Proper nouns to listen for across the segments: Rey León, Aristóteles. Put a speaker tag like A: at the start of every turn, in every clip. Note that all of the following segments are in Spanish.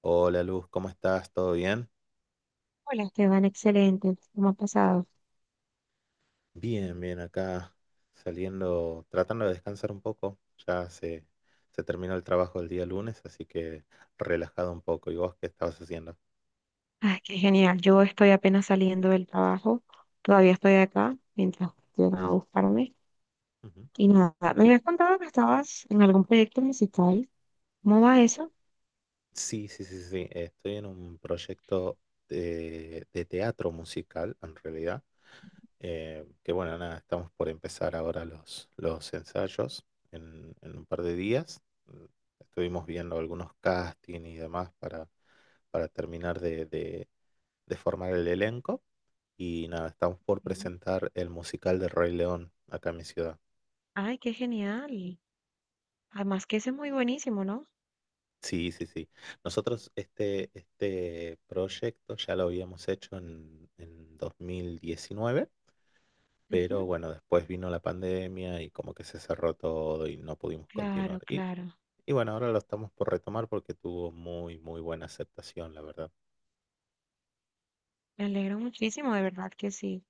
A: Hola Luz, ¿cómo estás? ¿Todo bien?
B: Hola Esteban, excelente. ¿Cómo ha pasado?
A: Bien, bien, acá saliendo, tratando de descansar un poco. Ya se, se terminó el trabajo del día lunes, así que relajado un poco. ¿Y vos qué estabas haciendo?
B: Ay, qué genial. Yo estoy apenas saliendo del trabajo. Todavía estoy acá mientras llegan a buscarme.
A: Ujú.
B: Y nada, me habías contado que estabas en algún proyecto musical. ¿Cómo va eso?
A: Sí, sí, sí, sí. Estoy en un proyecto de teatro musical, en realidad. Que bueno, nada, estamos por empezar ahora los ensayos en un par de días. Mm, Estuvimos viendo algunos castings y demás para terminar de formar el elenco y nada, estamos por
B: Mm.
A: presentar el musical de Rey León acá en mi ciudad.
B: Ay, qué genial. Además que ese es muy buenísimo, ¿no?
A: Sí, sí, sí. Nosotros este proyecto ya lo habíamos hecho en 2019, pero
B: Ujú.
A: bueno, después vino la pandemia y como que se cerró todo y no pudimos
B: Claro,
A: continuar.
B: claro.
A: Y bueno, ahora lo estamos por retomar porque tuvo muy buena aceptación, la verdad.
B: Me alegro muchísimo, de verdad que sí.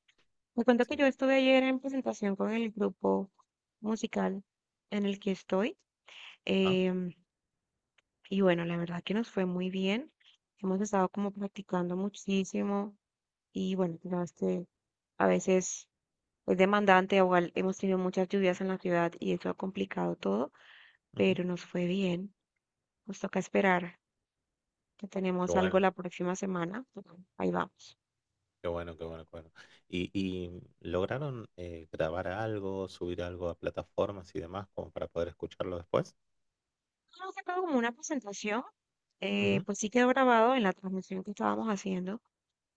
B: Me cuento que
A: Sí.
B: yo estuve ayer en presentación con el grupo musical en el que estoy.
A: Ajá,
B: em, Y bueno, la verdad que nos fue muy bien. Hemos estado como practicando muchísimo y bueno, tú sabes que a veces es demandante, igual hemos tenido muchas lluvias en la ciudad y eso ha complicado todo,
A: ujú.
B: pero nos fue bien. Nos toca esperar que
A: Qué
B: tenemos algo
A: bueno.
B: la próxima semana. Ujú, ahí vamos.
A: Qué bueno, qué bueno, qué bueno. Y lograron grabar algo, subir algo a plataformas y demás como para poder escucharlo después?
B: Hemos sacado como una presentación,
A: Ujú,
B: pues sí quedó grabado en la transmisión que estábamos haciendo.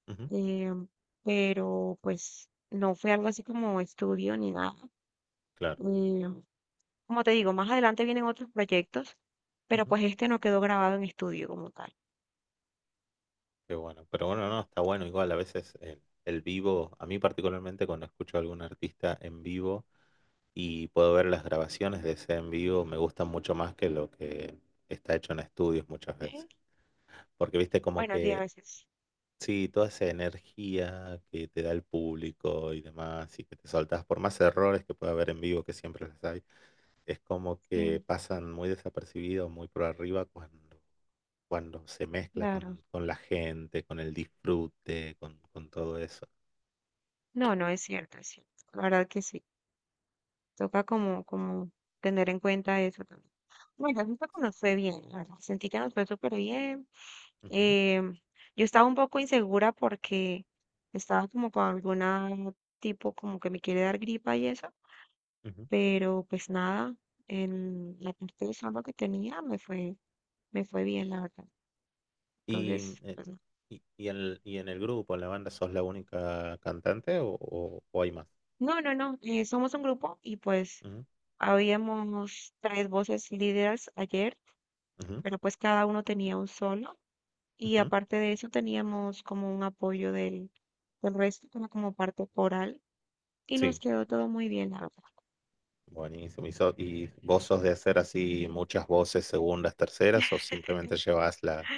A: ujú,
B: em, pero pues no fue algo así como estudio ni nada.
A: claro.
B: eh, Como te digo, más adelante vienen otros proyectos, pero
A: Ujú.
B: pues este no quedó grabado en estudio como tal.
A: Qué bueno. Pero bueno, no, está bueno. Igual a veces el vivo, a mí particularmente cuando escucho a algún artista en vivo y puedo ver las grabaciones de ese en vivo, me gustan mucho más que lo que está hecho en estudios muchas veces.
B: Sí,
A: Porque viste como
B: bueno, sí, a
A: que
B: veces.
A: sí, toda esa energía que te da el público y demás, y que te soltás, por más errores que pueda haber en vivo, que siempre los hay, es como que
B: Sí,
A: pasan muy desapercibidos, muy por arriba cuando se mezcla
B: claro.
A: con la gente, con el disfrute, con todo eso.
B: No, no es cierto, es cierto. La verdad que sí. Toca como, como tener en cuenta eso también. Bueno, la que nos fue bien, la verdad. Sentí que nos fue súper bien.
A: Ujú,
B: Em, yo estaba un poco insegura porque estaba como con alguna tipo como que me quiere dar gripa y eso,
A: ujú.
B: pero pues nada, en la parte de salud que tenía me fue. Me fue bien, la verdad.
A: Y,
B: Entonces, pues, no.
A: y en y en el grupo, en la banda, ¿sos la única cantante o hay más?
B: No, no, no, somos un grupo y pues
A: Ujú,
B: habíamos tres voces líderes ayer,
A: ujú,
B: pero pues cada uno tenía un solo y
A: ujú.
B: aparte de eso teníamos como un apoyo del, del resto, como, como parte coral y nos
A: Sí.
B: quedó todo muy bien, la verdad.
A: Buenísimo. ¿Y, so- y vos sos de hacer así muchas voces, segundas, terceras, o simplemente llevas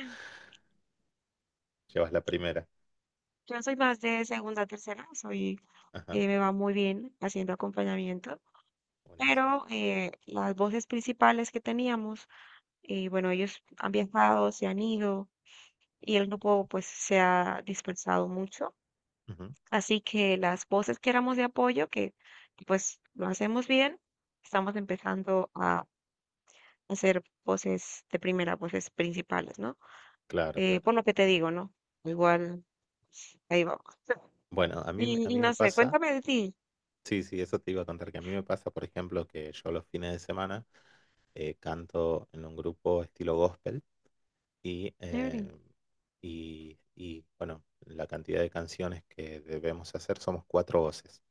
A: llevas la primera?
B: Yo soy más de segunda, tercera, soy,
A: Ajá,
B: me va muy bien haciendo acompañamiento,
A: buenísimo.
B: pero las voces principales que teníamos, bueno, ellos han viajado, se han ido y el grupo pues se ha dispersado mucho.
A: Ujú,
B: Así que las voces que éramos de apoyo, que pues lo hacemos bien, estamos empezando a hacer voces de primera, voces principales, ¿no?
A: claro, claro.
B: Por lo que te digo, ¿no? Igual, pues, ahí vamos.
A: Bueno, a
B: Y
A: mí me
B: no sé,
A: pasa,
B: cuéntame de ti.
A: sí, sí, eso te iba a contar, que a mí me pasa, por ejemplo, que yo los fines de semana canto en un grupo estilo gospel y,
B: Chévere.
A: eh, y y bueno, la cantidad de canciones que debemos hacer somos cuatro voces.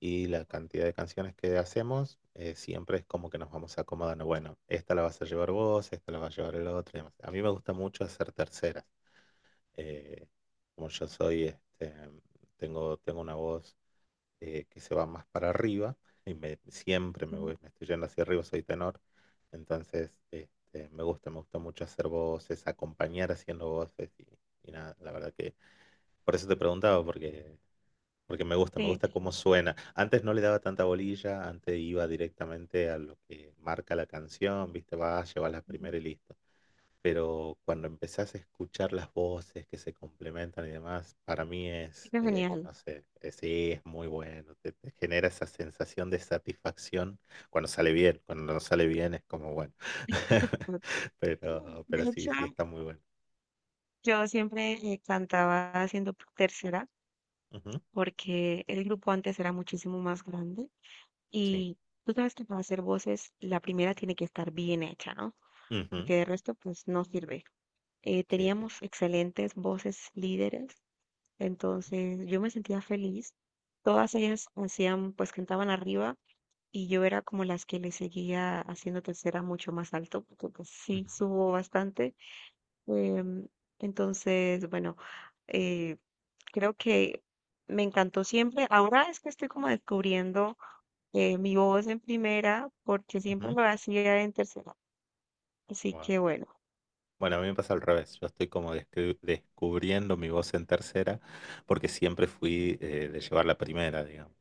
A: Y la cantidad de canciones que hacemos, siempre es como que nos vamos acomodando. Bueno, esta la vas a llevar vos, esta la va a llevar el otro, y demás. A mí me gusta mucho hacer terceras. eh, Como yo soy, este, tengo una voz que se va más para arriba y siempre
B: Sí,
A: me estoy yendo hacia arriba, soy tenor. Entonces, este, me gusta mucho hacer voces, acompañar haciendo voces y nada, la verdad que por eso te preguntaba, porque me
B: sí.
A: gusta
B: Sí.
A: cómo suena. Antes no le daba tanta bolilla, antes iba directamente a lo que marca la canción, viste, vas, llevas la
B: Ujú.
A: primera y listo. Pero cuando empezás a escuchar las voces que se complementan y demás, para mí es,
B: Qué genial.
A: no sé, sí, es muy bueno. Te genera esa sensación de satisfacción cuando sale bien. Cuando no sale bien es como bueno.
B: De
A: Pero sí,
B: hecho,
A: sí, está muy bueno.
B: yo siempre cantaba haciendo tercera
A: Ujú,
B: porque el grupo antes era muchísimo más grande.
A: sí,
B: Y tú sabes que para hacer voces, la primera tiene que estar bien hecha, ¿no?
A: ujú,
B: Porque de resto, pues no sirve.
A: sí, sí.
B: Teníamos excelentes voces líderes,
A: Ujú,
B: entonces yo me sentía feliz. Todas ellas hacían, pues cantaban arriba y yo era como las que le seguía haciendo tercera mucho más alto, porque pues sí
A: ujú,
B: subo bastante. Em, entonces, bueno, eh, creo que me encantó siempre. Ahora es que estoy como descubriendo mi voz en primera, porque siempre
A: ujú.
B: lo hacía en tercera. Así
A: Bueno.
B: que bueno,
A: Bueno, a mí me pasa al revés. Yo estoy como descri- descubriendo mi voz en tercera porque siempre fui de llevar la primera, digamos.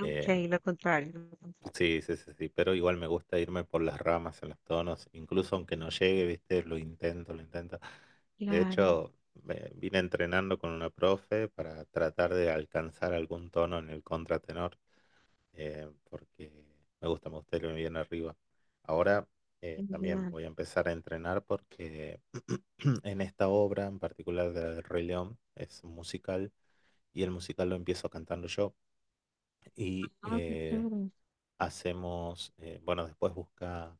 B: ok,
A: Eh,
B: lo contrario, lo contrario.
A: sí, sí, sí, sí, pero igual me gusta irme por las ramas en los tonos, incluso aunque no llegue, viste, lo intento, lo intento. De
B: Claro.
A: hecho, me vine entrenando con una profe para tratar de alcanzar algún tono en el contratenor porque me gusta irme bien arriba. Ahora también
B: Genial.
A: voy a empezar a entrenar porque en esta obra, en particular de la del Rey León, es un musical y el musical lo empiezo cantando yo y
B: Ah, qué chévere.
A: hacemos, bueno, después busca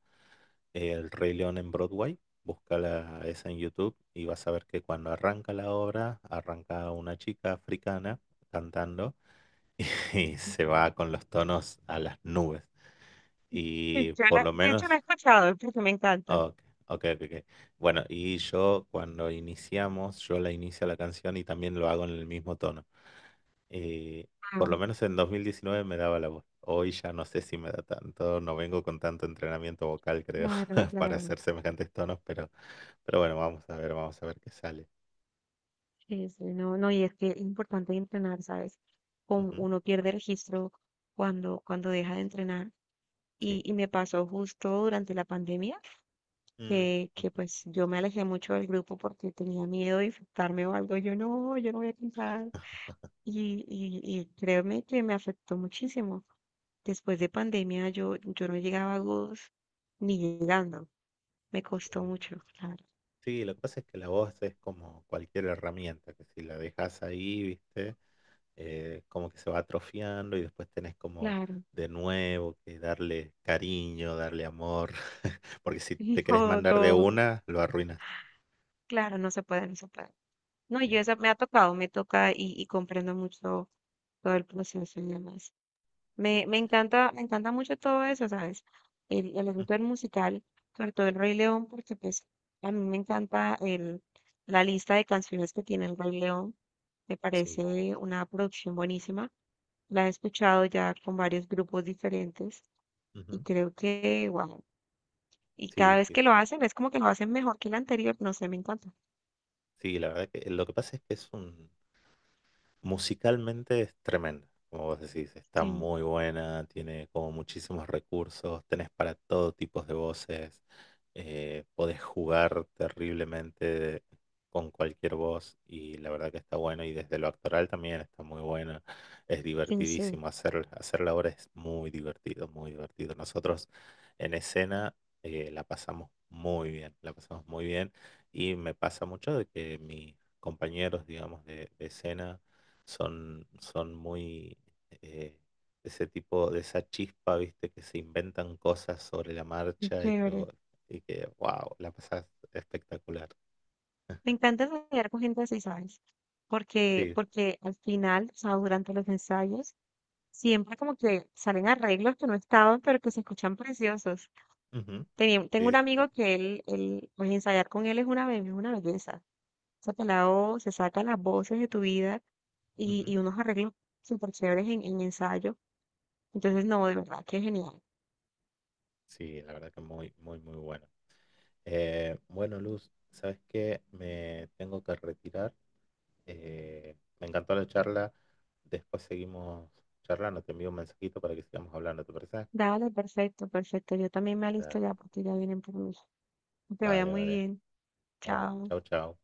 A: el Rey León en Broadway. Busca esa en YouTube y vas a ver que cuando arranca la obra, arranca una chica africana cantando y se va con los tonos a las nubes.
B: Sí,
A: Y
B: yo
A: por
B: la-
A: lo
B: de hecho, la he
A: menos,
B: escuchado porque me encanta.
A: ok, ok, ok, ok. Bueno, y yo cuando iniciamos, yo la inicio la canción y también lo hago en el mismo tono. Eh, por
B: Ah,
A: lo menos en 2019 me daba la voz. Hoy ya no sé si me da tanto, no vengo con tanto entrenamiento vocal, creo,
B: claro,
A: para
B: claro.
A: hacer semejantes tonos, pero bueno, vamos a ver qué sale.
B: Sí, sí, no, no, y es que es importante entrenar, ¿sabes? Con-
A: Ujú,
B: uno pierde registro cuando, cuando deja de entrenar. Y,
A: sí.
B: y me pasó justo durante la pandemia
A: Mm,
B: que
A: ujú,
B: pues yo me alejé mucho del grupo porque tenía miedo de infectarme o algo. Yo no, yo no voy a cantar. Y créeme que me afectó muchísimo. Después de pandemia yo no llegaba a Good's ni llegando. Me costó
A: sí,
B: mucho, claro.
A: sí, lo que pasa es que la voz es como cualquier herramienta, que si la dejas ahí, ¿viste? Como que se va atrofiando y después tenés como
B: Claro.
A: de nuevo que darle cariño, darle amor, porque si te querés
B: No,
A: mandar de
B: no,
A: una, lo arruinas.
B: claro, no se puede, no se puede. No, yo
A: Sí,
B: esa me ha tocado, me toca y comprendo mucho todo el proceso y demás. Me encanta, me encanta mucho todo eso, ¿sabes? El
A: mm,
B: asunto del musical, sobre todo el Rey León, porque pues a mí me encanta la lista de canciones que tiene el Rey León. Me
A: sí.
B: parece una producción buenísima. La he escuchado ya con varios grupos diferentes y
A: Ujú.
B: creo que, wow. Y
A: Sí,
B: cada vez
A: sí.
B: que lo
A: Sí,
B: hacen es como que lo hacen mejor que el anterior. No sé, me encanta.
A: sí, la verdad que lo que pasa es que es un, musicalmente es tremenda, como vos decís, está
B: Sí,
A: muy buena, tiene como muchísimos recursos, tenés para todo tipo de voces, podés jugar terriblemente con cualquier voz y la verdad que está bueno y desde lo actoral también está muy bueno, es
B: sí, sí.
A: divertidísimo, hacer, hacer la obra es muy divertido, muy divertido. Nosotros en escena la pasamos muy bien, la pasamos muy bien y me pasa mucho de que mis compañeros, digamos, de escena, son, son muy eh, ese tipo de esa chispa, viste, que se inventan cosas sobre la
B: Qué
A: marcha
B: chévere.
A: y que wow, la pasas espectacular.
B: Me encanta ensayar con gente así, ¿sabes? Porque,
A: Sí,
B: porque al final, o sea, durante los ensayos, siempre como que salen arreglos que no estaban, pero que se escuchan preciosos.
A: ujú,
B: Tenía- tengo un
A: sí, sí, sí.
B: amigo que pues ensayar con él es una, be- una belleza. Saca la voz, se saca las voces de tu vida y,
A: Ujú.
B: y unos arreglos súper chéveres en ensayo. Entonces, no, de verdad que genial.
A: Sí, la verdad que muy, muy, muy bueno. Bueno, Luz, ¿sabes qué? Me tengo que retirar. Me encantó la charla. Después seguimos charlando. Te envío un mensajito para que sigamos hablando, ¿te parece?
B: Dale, perfecto, perfecto. Yo también me alisto
A: Da-
B: ya porque ya vienen por mí. Que te vaya
A: vale,
B: muy
A: vale.
B: bien.
A: Ah,
B: Chao.
A: chau, chau.